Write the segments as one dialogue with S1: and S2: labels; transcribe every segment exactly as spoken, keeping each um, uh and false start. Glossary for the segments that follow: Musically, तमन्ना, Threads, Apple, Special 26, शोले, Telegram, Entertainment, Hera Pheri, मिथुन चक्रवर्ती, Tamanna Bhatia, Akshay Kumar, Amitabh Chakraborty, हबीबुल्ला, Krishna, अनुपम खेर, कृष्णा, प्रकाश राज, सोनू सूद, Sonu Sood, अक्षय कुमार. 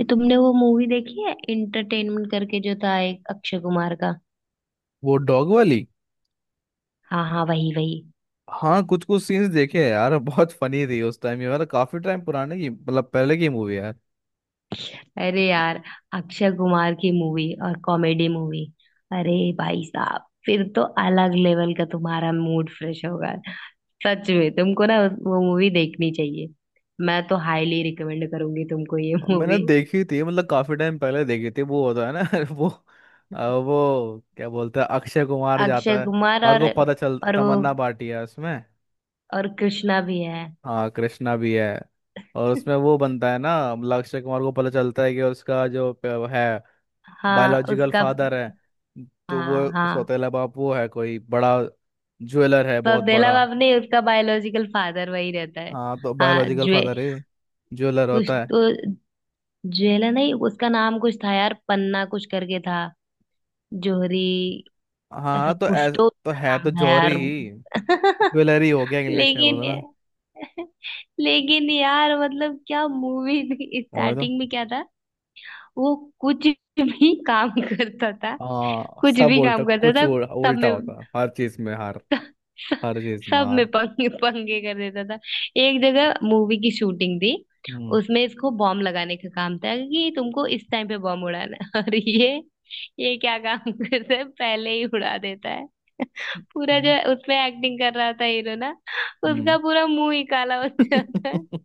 S1: ये तुमने वो मूवी देखी है इंटरटेनमेंट करके जो था एक अक्षय कुमार का।
S2: वो डॉग वाली।
S1: हाँ हाँ, वही वही।
S2: हाँ, कुछ कुछ सीन्स देखे हैं यार, बहुत फनी थी उस टाइम। ये मतलब काफी टाइम पुराने की मतलब पहले की मूवी है यार।
S1: अरे यार, अक्षय कुमार की मूवी और कॉमेडी मूवी। अरे भाई साहब, फिर तो अलग लेवल का तुम्हारा मूड फ्रेश होगा। सच में तुमको ना उस- वो मूवी देखनी चाहिए। मैं तो हाईली रिकमेंड करूंगी तुमको ये
S2: मैंने
S1: मूवी।
S2: देखी थी मतलब काफी टाइम पहले देखी थी। वो होता है ना। वो अ, वो क्या बोलते हैं, अक्षय कुमार
S1: अक्षय
S2: जाता है
S1: कुमार
S2: और
S1: और
S2: को पता चल
S1: और वो
S2: तमन्ना भाटिया है उसमें।
S1: और कृष्णा भी है।
S2: हाँ, कृष्णा भी है। और उसमें वो बनता है ना, मतलब अक्षय कुमार को पता चलता है कि उसका जो प- है,
S1: हाँ,
S2: बायोलॉजिकल
S1: उसका।
S2: फादर है। तो
S1: हाँ
S2: वो
S1: हाँ,
S2: सौतेला बाप वो है, कोई बड़ा ज्वेलर है बहुत
S1: बबेला
S2: बड़ा।
S1: बाप नहीं, उसका बायोलॉजिकल फादर वही रहता है।
S2: हाँ, तो
S1: हाँ,
S2: बायोलॉजिकल
S1: ज्वे
S2: फादर है। ज्वेलर
S1: कुछ
S2: होता है।
S1: तो ज्वेला नहीं, उसका नाम कुछ था यार, पन्ना कुछ करके था। जोहरी, ऐसा
S2: हाँ तो
S1: कुछ
S2: ऐस
S1: तो
S2: तो
S1: उसका
S2: है
S1: नाम
S2: तो
S1: था
S2: जौहरी
S1: यार।
S2: ही। ज्वेलरी हो गया, इंग्लिश में
S1: लेकिन
S2: बोलो
S1: ये-
S2: ना।
S1: लेकिन यार मतलब क्या मूवी थी,
S2: और तो
S1: स्टार्टिंग में क्या था। वो कुछ भी काम करता था।
S2: हाँ,
S1: कुछ
S2: सब
S1: भी
S2: उल्टा
S1: काम करता
S2: कुछ
S1: था।
S2: उल-
S1: सब
S2: उल्टा
S1: में,
S2: होता है हर चीज में हार। हर चीज में
S1: सब में
S2: हार।
S1: पंगे पंगे कर देता था। एक जगह मूवी की शूटिंग थी,
S2: हम्म,
S1: उसमें इसको बॉम्ब लगाने का काम था कि तुमको इस टाइम पे बॉम्ब उड़ाना है। और ये ये क्या काम करता है, पहले ही उड़ा देता है। पूरा
S2: हम्म,
S1: जो उसमें एक्टिंग कर रहा था हीरो ना,
S2: हम्म।
S1: उसका पूरा मुंह ही काला हो जाता है।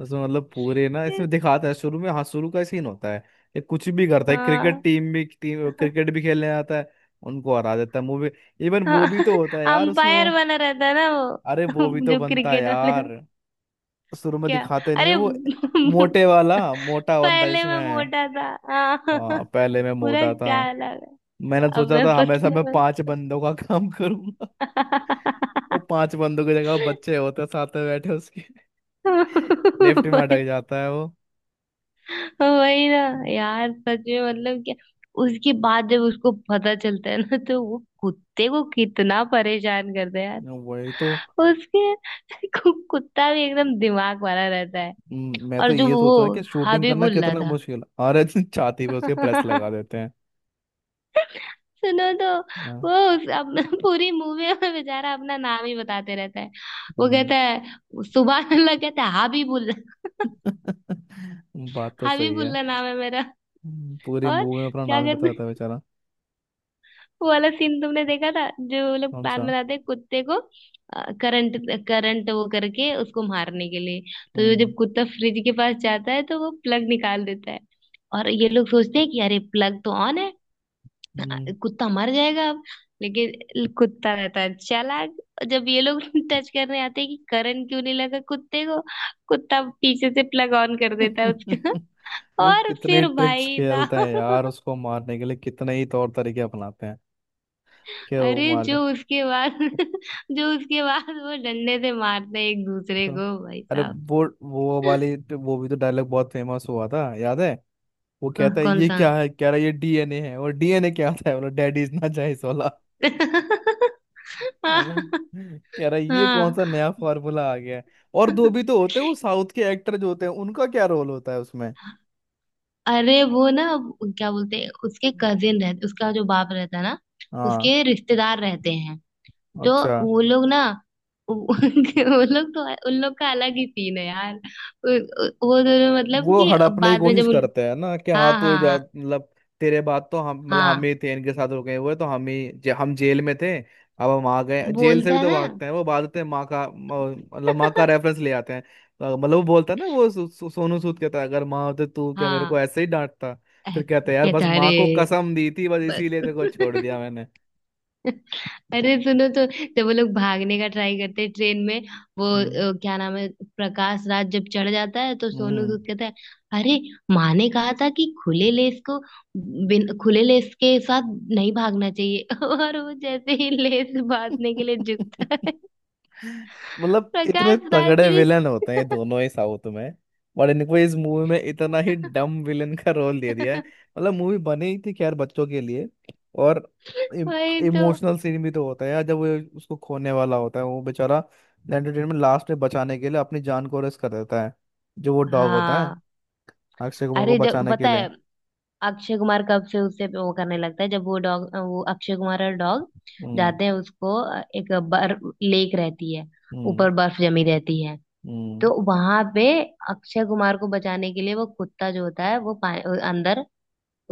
S2: उसमें मतलब पूरे ना इसमें दिखाता है शुरू में। हाँ, शुरू का सीन होता है। ये कुछ भी करता है, क्रिकेट
S1: हाँ।
S2: टीम भी टीम क्रिकेट भी खेलने आता है। उनको हरा देता है मूवी। इवन
S1: हाँ
S2: वो भी तो होता है यार उसमें वो।
S1: अंपायर बना रहता है ना
S2: अरे
S1: वो।
S2: वो भी तो
S1: जो
S2: बनता है
S1: क्रिकेट वाले
S2: यार। शुरू में
S1: क्या,
S2: दिखाते नहीं है
S1: अरे।
S2: वो। मोटे वाला मोटा बनता है
S1: पहले मैं
S2: जिसमें।
S1: मोटा था। हाँ
S2: हाँ, पहले मैं
S1: पूरा,
S2: मोटा था।
S1: क्या अलग है।
S2: मैंने
S1: अब
S2: सोचा
S1: मैं
S2: था हमेशा
S1: पतला
S2: मैं
S1: हूँ।
S2: पांच बंदों का काम करूंगा। वो पांच बंदों की जगह बच्चे होते हैं साथ में बैठे उसके। लेफ्ट में
S1: वही,
S2: अटक जाता है वो।
S1: वही ना। यार सच में मतलब क्या। उसके बाद जब उसको पता चलता है ना, तो वो कुत्ते को कितना परेशान करता है यार।
S2: वही तो।
S1: उसके कु- कुत्ता भी एकदम दिमाग वाला रहता है।
S2: हम्म, मैं तो
S1: और जो
S2: ये
S1: वो
S2: सोच रहा कि शूटिंग करना
S1: हबीबुल्ला
S2: कितना
S1: था।
S2: मुश्किल है। अरे छाती पे उसके प्रेस लगा देते हैं।
S1: सुनो तो।
S2: हाँ,
S1: वो उस, अब पूरी मूवी में बेचारा अपना नाम ही बताते रहता है। वो कहता
S2: हम्म।
S1: है, सुबह अल्लाह कहता है हाबीबुल्ला,
S2: बात तो सही है।
S1: हाबीबुल्ला नाम है मेरा।
S2: हम्म, पूरी
S1: और
S2: मूवी में अपना
S1: क्या
S2: नाम ही
S1: करते,
S2: बताता है बेचारा।
S1: वो वाला सीन तुमने देखा था, जो वो लोग
S2: कौन
S1: प्लान
S2: सा?
S1: बनाते हैं कुत्ते को करंट, करंट वो करके उसको मारने के लिए। तो ये जब कुत्ता फ्रिज के पास जाता है, तो वो प्लग निकाल देता है। और ये लोग सोचते हैं कि अरे प्लग तो ऑन है,
S2: हम्म।
S1: कुत्ता मर जाएगा अब। लेकिन कुत्ता रहता है चालाक। जब ये लोग टच करने आते हैं कि करंट क्यों नहीं लगा कुत्ते को, कुत्ता पीछे से प्लग ऑन कर देता है उसका।
S2: वो
S1: और
S2: कितने
S1: फिर
S2: ट्रिक्स
S1: भाई
S2: खेलता है यार,
S1: साहब,
S2: उसको मारने के लिए कितने ही तौर तरीके अपनाते हैं कि वो
S1: अरे
S2: मार दे।
S1: जो उसके बाद, जो उसके बाद वो डंडे से मारते हैं एक दूसरे
S2: तो,
S1: को, भाई
S2: अरे
S1: साहब।
S2: वो वो वाली तो, वो भी तो डायलॉग बहुत फेमस हुआ था याद है। वो
S1: कौन
S2: कहता है
S1: कौन
S2: ये
S1: सा।
S2: क्या है, कह रहा है ये डीएनए है, और डीएनए क्या होता है, बोला डैडी इज नॉट चाइनीज वाला। है
S1: हाँ
S2: ना। कह रहा है ये कौन सा नया फॉर्मूला आ गया है। और दो
S1: हाँ।
S2: भी तो होते हैं वो साउथ के एक्टर जो होते हैं, उनका क्या रोल होता है उसमें।
S1: अरे वो ना, क्या बोलते हैं, उसके कजिन रहते, उसका जो बाप रहता है ना,
S2: हाँ,
S1: उसके रिश्तेदार रहते हैं। तो
S2: अच्छा।
S1: वो लोग ना, वो वो लोग तो, उन लोग का अलग ही सीन है यार। उ- उ- वो दोनों मतलब,
S2: वो
S1: कि
S2: हड़पने की
S1: बाद में
S2: कोशिश
S1: जब उन,
S2: करते हैं ना कि हाँ
S1: हाँ
S2: तो
S1: हाँ
S2: जा
S1: हाँ
S2: मतलब तेरे बाद तो हम मतलब हम
S1: हाँ,
S2: ही थे इनके साथ रुके हुए तो हम ही जे, हम जेल में थे। अब हम आ गए, जेल से
S1: बोलता
S2: भी
S1: है
S2: तो
S1: ना।
S2: भागते हैं, वो भागते हैं, माँ का म- मतलब माँ का रेफरेंस ले आते हैं, तो मतलब वो बोलता है ना वो सो, सो, सोनू सूद कहता है अगर माँ होते तू क्या मेरे को
S1: हाँ,
S2: ऐसे ही डांटता। फिर
S1: ऐ-
S2: कहते हैं यार बस
S1: कहता है,
S2: माँ को
S1: अरे
S2: कसम दी थी बस इसीलिए तेरे को छोड़ दिया
S1: बस।
S2: मैंने।
S1: अरे सुनो तो, जब वो लोग भागने का ट्राई करते हैं ट्रेन में, वो
S2: हम्म,
S1: अ, क्या नाम है, प्रकाश राज जब चढ़ जाता है तो सोनू
S2: हम्म।
S1: सूद कहता है, अरे माँ ने कहा था कि खुले लेस को, बिन खुले लेस के साथ नहीं भागना चाहिए। और वो जैसे ही लेस बांधने के लिए झुकता है,
S2: मतलब इतने
S1: प्रकाश राज
S2: तगड़े
S1: भी।
S2: विलन होते हैं ये दोनों ही साउथ में, और इनको इस मूवी में इतना ही डम विलन का रोल दे दिया है। मतलब मूवी बनी ही थी खैर बच्चों के लिए। और
S1: वही तो।
S2: इमोशनल सीन भी तो होता है यार, जब वो उसको खोने वाला होता है वो बेचारा। एंटरटेनमेंट में लास्ट में बचाने के लिए अपनी जान को रिस्क कर देता है, जो वो डॉग होता है,
S1: हाँ,
S2: अक्षय कुमार को
S1: अरे जब
S2: बचाने के
S1: पता
S2: लिए।
S1: है, अक्षय कुमार कब से उससे वो करने लगता है, जब वो डॉग, वो अक्षय कुमार और डॉग
S2: हम्म,
S1: जाते हैं उसको, अ, एक बर्फ लेक रहती है,
S2: हम्म,
S1: ऊपर बर्फ जमी रहती है।
S2: हम्म।
S1: तो वहां पे अक्षय कुमार को बचाने के लिए वो कुत्ता जो होता है वो पा- अंदर,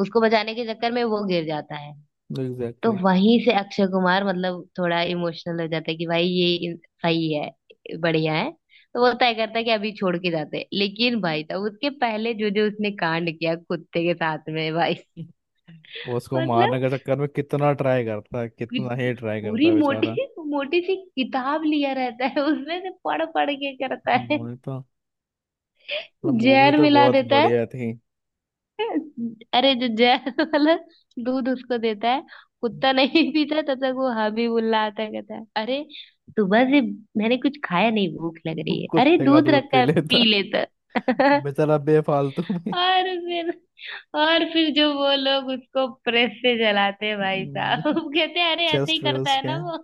S1: उसको बचाने के चक्कर में वो गिर जाता है। तो
S2: एग्जैक्टली।
S1: वहीं से अक्षय कुमार मतलब थोड़ा इमोशनल हो जाता है कि भाई ये इन- सही है, बढ़िया है। तो वो तय करता है कि अभी छोड़ के जाते हैं, लेकिन भाई तब उसके पहले जो जो उसने कांड किया कुत्ते के साथ में भाई।
S2: वो उसको मारने
S1: मतलब
S2: के चक्कर में कितना ट्राई करता है, कितना ही
S1: कि-
S2: ट्राई करता
S1: पूरी
S2: है बेचारा।
S1: मोटी मोटी सी किताब लिया रहता है, उसमें से पढ़ पढ़ के करता है,
S2: मूवी तो मतलब मूवी
S1: जहर
S2: तो
S1: मिला
S2: बहुत
S1: देता है।
S2: बढ़िया थी।
S1: अरे जो जहर वाला दूध उसको देता है, कुत्ता नहीं पीता, तब तक वो हबीबुल्ला आता है, कहता है अरे सुबह से मैंने कुछ खाया नहीं, भूख लग रही है, अरे
S2: कुत्ते का
S1: दूध
S2: दूध
S1: रखा
S2: पी
S1: है
S2: लेता
S1: पी लेता।
S2: बेचारा बेफालतू में।
S1: और फिर, और फिर जो वो लोग उसको प्रेस से जलाते हैं भाई साहब, कहते हैं अरे ऐसे
S2: चेस्ट
S1: ही
S2: पे
S1: करता है
S2: उसके।
S1: ना वो,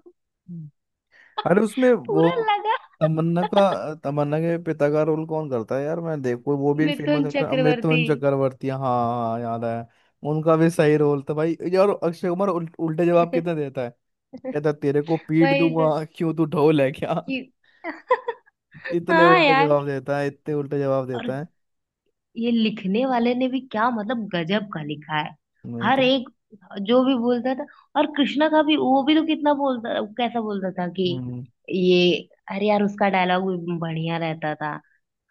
S2: अरे उसमें वो
S1: पूरा लगा।
S2: तमन्ना का तमन्ना के पिता का रोल कौन करता है यार, मैं देखो वो भी एक फेमस
S1: मिथुन
S2: एक्टर
S1: चक्रवर्ती।
S2: अमितवन चक्रवर्ती, हाँ हाँ हाँ, याद है। उनका भी सही रोल था भाई यार, अक्षय कुमार उल, उल्टे जवाब कितने देता। कहता तेरे को पीट
S1: वही तो
S2: दूंगा, क्यों तू ढोल है क्या।
S1: कि-
S2: इतने
S1: हाँ
S2: उल्टा
S1: यार,
S2: जवाब देता है, इतने उल्टा जवाब
S1: और
S2: देता है।
S1: ये लिखने वाले ने भी क्या मतलब गजब का लिखा है।
S2: नहीं
S1: हर
S2: तो।
S1: एक जो भी बोलता था। और कृष्णा का भी, वो भी तो कितना बोलता, कैसा बोलता था कि
S2: हम्म।
S1: ये, अरे यार उसका डायलॉग भी बढ़िया रहता था।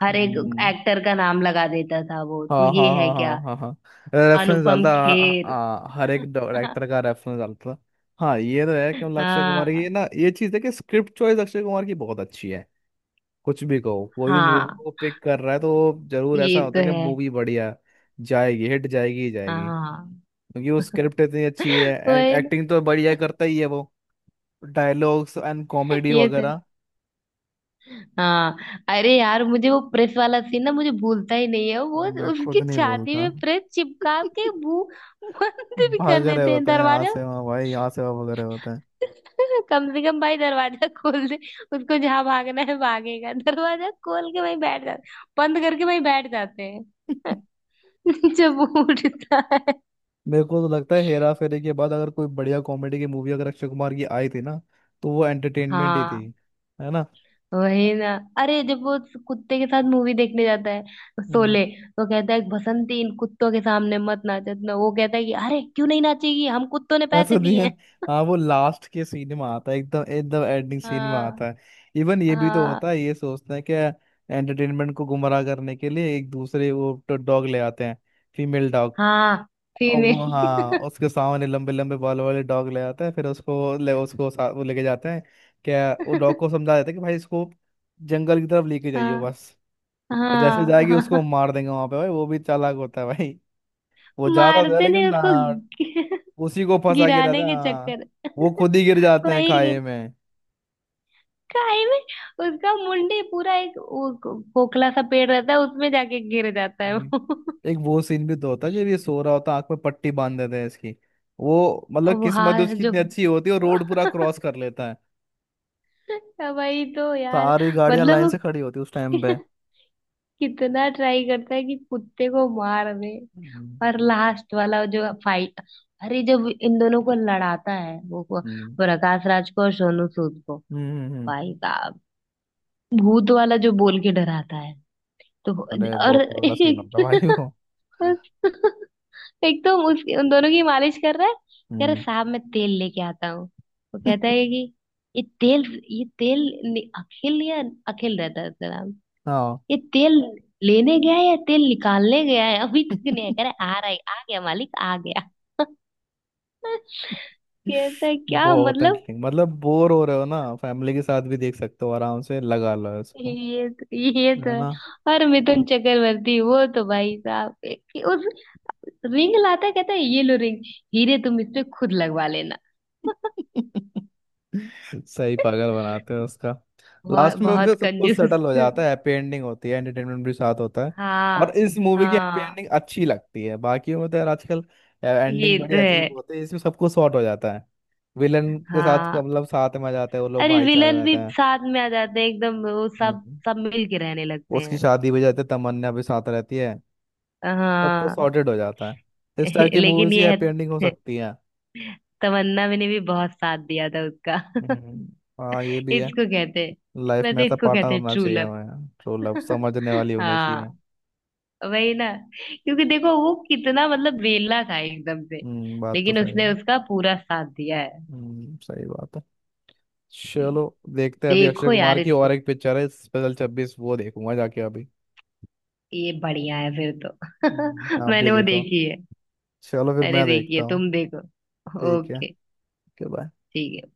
S1: हर एक
S2: हम्म,
S1: एक्टर का नाम लगा देता था वो, तू
S2: हाँ
S1: ये
S2: हाँ
S1: है
S2: हाँ हाँ
S1: क्या।
S2: हाँ हाँ। रेफरेंस
S1: अनुपम
S2: डालता, हाँ,
S1: खेर।
S2: हाँ, हर एक डायरेक्टर का रेफरेंस डालता। हाँ, ये तो है कि मतलब अक्षय कुमार की
S1: हाँ
S2: ना ये चीज़ है कि स्क्रिप्ट चॉइस अक्षय कुमार की बहुत अच्छी है। कुछ भी कहो, कोई भी मूवी
S1: हाँ,
S2: को पिक कर रहा है तो जरूर ऐसा
S1: ये
S2: होता
S1: तो
S2: है कि
S1: है।
S2: मूवी बढ़िया जाएगी, हिट जाएगी ही जाएगी।
S1: हाँ।
S2: क्योंकि वो स्क्रिप्ट इतनी अच्छी है एंड
S1: वही ना,
S2: एक्टिंग तो बढ़िया करता ही है वो, डायलॉग्स एंड कॉमेडी
S1: ये तो है।
S2: वगैरह।
S1: हाँ, अरे यार मुझे वो प्रेस वाला सीन ना, मुझे भूलता ही नहीं है वो।
S2: मैं खुद
S1: उसकी
S2: नहीं
S1: छाती
S2: बोलता।
S1: में प्रेस चिपका के भू बंद भी कर
S2: भाग रहे
S1: देते हैं
S2: होते हैं यहाँ
S1: दरवाजा।
S2: से वहाँ भाई, यहाँ से वहाँ भाग रहे होते हैं।
S1: कम से कम भाई दरवाजा खोल दे, उसको जहां भागना है भागेगा, दरवाजा खोल के वहीं बैठ जाते, बंद करके वहीं बैठ जाते हैं। जब वो उठता है,
S2: मेरे को तो लगता है हेरा फेरी के बाद अगर कोई बढ़िया कॉमेडी की मूवी अगर अक्षय कुमार की आई थी ना, तो वो एंटरटेनमेंट ही थी।
S1: हाँ
S2: है ना।
S1: वही ना। अरे जब वो उस कुत्ते के साथ मूवी देखने जाता है,
S2: हम्म।
S1: शोले, तो कहता है बसंती इन कुत्तों के सामने मत नाचे ना, वो कहता है कि अरे क्यों नहीं नाचेगी, हम कुत्तों ने
S2: ऐसा
S1: पैसे
S2: नहीं
S1: दिए
S2: है।
S1: हैं।
S2: हाँ, वो लास्ट के सीन में आता है, एकदम एकदम एंडिंग सीन में
S1: हाँ
S2: आता है। इवन ये भी तो
S1: हाँ
S2: होता है, ये सोचते हैं कि एंटरटेनमेंट को गुमराह करने के लिए एक दूसरे वो डॉग ले आते हैं, फीमेल डॉग।
S1: हाँ,
S2: और वो, हाँ
S1: फीमेल।
S2: उसके सामने लंबे लंबे बाल वाले डॉग ले आता है, फिर उसको ले उसको सा, वो लेके जाते हैं। क्या, वो डॉग को समझा देते हैं कि भाई इसको जंगल की तरफ लेके जाइए
S1: हाँ
S2: बस। और जैसे
S1: हाँ
S2: जाएगी उसको
S1: हाँ,
S2: मार देंगे वहां पे भाई, वो भी चालाक होता है भाई। वो जाता था
S1: मारते
S2: लेकिन
S1: नहीं
S2: ना,
S1: उसको। गि-
S2: उसी को फंसा के
S1: गिराने
S2: रहता है,
S1: के
S2: हाँ।
S1: चक्कर।
S2: वो खुद ही गिर जाते हैं
S1: वही।
S2: खाए में।
S1: काई में, उसका मुंडी पूरा, एक वो खोखला सा पेड़ रहता है, उसमें जाके गिर जाता है
S2: वही।
S1: वो।
S2: एक वो सीन भी तो होता है, जब ये सो रहा होता है आंख में पट्टी बांध देते हैं इसकी। वो मतलब
S1: अब
S2: किस्मत
S1: हाँ
S2: उसकी इतनी
S1: जब,
S2: अच्छी होती है वो रोड पूरा क्रॉस कर लेता है,
S1: वही तो यार,
S2: सारी गाड़ियां
S1: मतलब
S2: लाइन
S1: वो
S2: से खड़ी होती है उस टाइम पे।
S1: कितना ट्राई करता है कि कुत्ते को मार दे।
S2: हम्म,
S1: और लास्ट वाला जो फाइट, अरे जब इन दोनों को लड़ाता है वो, को-
S2: हम्म,
S1: प्रकाश राज को और सोनू सूद को,
S2: हम्म, हम्म, हम्म।
S1: भाई साहब भूत वाला जो बोल के डराता है तो।
S2: अरे
S1: और
S2: बहुत बड़ा सीन होता
S1: एक,
S2: है भाई वो।
S1: एक तो उसकी उन दोनों की मालिश कर रहा है, कह रहा
S2: हम्म।
S1: साहब मैं तेल लेके आता हूँ। वो कहता है कि ये तेल, ये तेल नि- अखिल, या अखिल रहता है उसका नाम,
S2: हाँ।
S1: ये तेल लेने गया है या तेल निकालने गया है अभी तक नहीं आया। कह रहा है, आ रहा है, आ गया मालिक आ गया। कहता है क्या
S2: बहुत
S1: मतलब।
S2: एंटरटेनिंग, मतलब बोर हो रहे हो ना फैमिली के साथ भी देख सकते हो आराम से, लगा लो इसको।
S1: ये तो, ये तो
S2: है ना।
S1: है, और मिथुन चक्रवर्ती वो तो भाई साहब रिंग लाता है, कहता है ये लो रिंग, हीरे तुम इस पे खुद लगवा लेना।
S2: सही पागल बनाते हैं उसका।
S1: बहुत
S2: लास्ट में फिर
S1: बहुत
S2: सब कुछ
S1: कंजूस।
S2: सेटल हो जाता है, हैप्पी एंडिंग होती है, एंटरटेनमेंट भी साथ होता है। और
S1: हाँ
S2: इस मूवी की हैप्पी एंडिंग
S1: हाँ
S2: अच्छी लगती है, बाकी में तो यार आजकल एंडिंग
S1: ये
S2: बड़ी
S1: तो है।
S2: अजीब होती है, इसमें सब कुछ सॉर्ट हो जाता है। विलन के साथ
S1: हाँ,
S2: मतलब साथ में आ जाते हैं वो लोग,
S1: अरे
S2: भाईचारे में
S1: विलन भी
S2: रहते हैं।
S1: साथ में आ जाते हैं एकदम, वो सब,
S2: हम्म।
S1: सब मिल के रहने लगते
S2: उसकी
S1: हैं।
S2: शादी भी जाती है, तमन्ना भी साथ रहती है, सबको
S1: हाँ।
S2: सॉर्टेड हो जाता है, इस टाइप की मूवीज
S1: लेकिन
S2: की
S1: ये है,
S2: हैप्पी एंडिंग हो सकती है।
S1: तमन्ना मैंने भी बहुत साथ दिया था उसका।
S2: हम्म। हाँ, ये भी है।
S1: इसको कहते हैं,
S2: लाइफ में
S1: वैसे
S2: ऐसा
S1: इसको
S2: पार्टनर
S1: कहते हैं
S2: होना
S1: ट्रू
S2: चाहिए
S1: लव।
S2: हमें, ट्रू लव समझने वाली होनी चाहिए।
S1: हाँ वही ना, क्योंकि देखो वो कितना मतलब वेला था एकदम से,
S2: हम्म, बात तो
S1: लेकिन
S2: सही
S1: उसने
S2: है।
S1: उसका पूरा साथ दिया है।
S2: हम्म, सही बात है। चलो, देखते हैं, अभी अक्षय
S1: देखो
S2: कुमार
S1: यार
S2: की
S1: इसको,
S2: और एक पिक्चर है स्पेशल छब्बीस, वो देखूंगा जाके अभी।
S1: ये बढ़िया है फिर तो।
S2: हम्म, आप भी
S1: मैंने वो
S2: देखो।
S1: देखी है,
S2: चलो फिर
S1: अरे
S2: मैं
S1: देखी है,
S2: देखता हूँ।
S1: तुम देखो।
S2: ठीक है।
S1: Okay,
S2: okay, bye.
S1: ठीक है।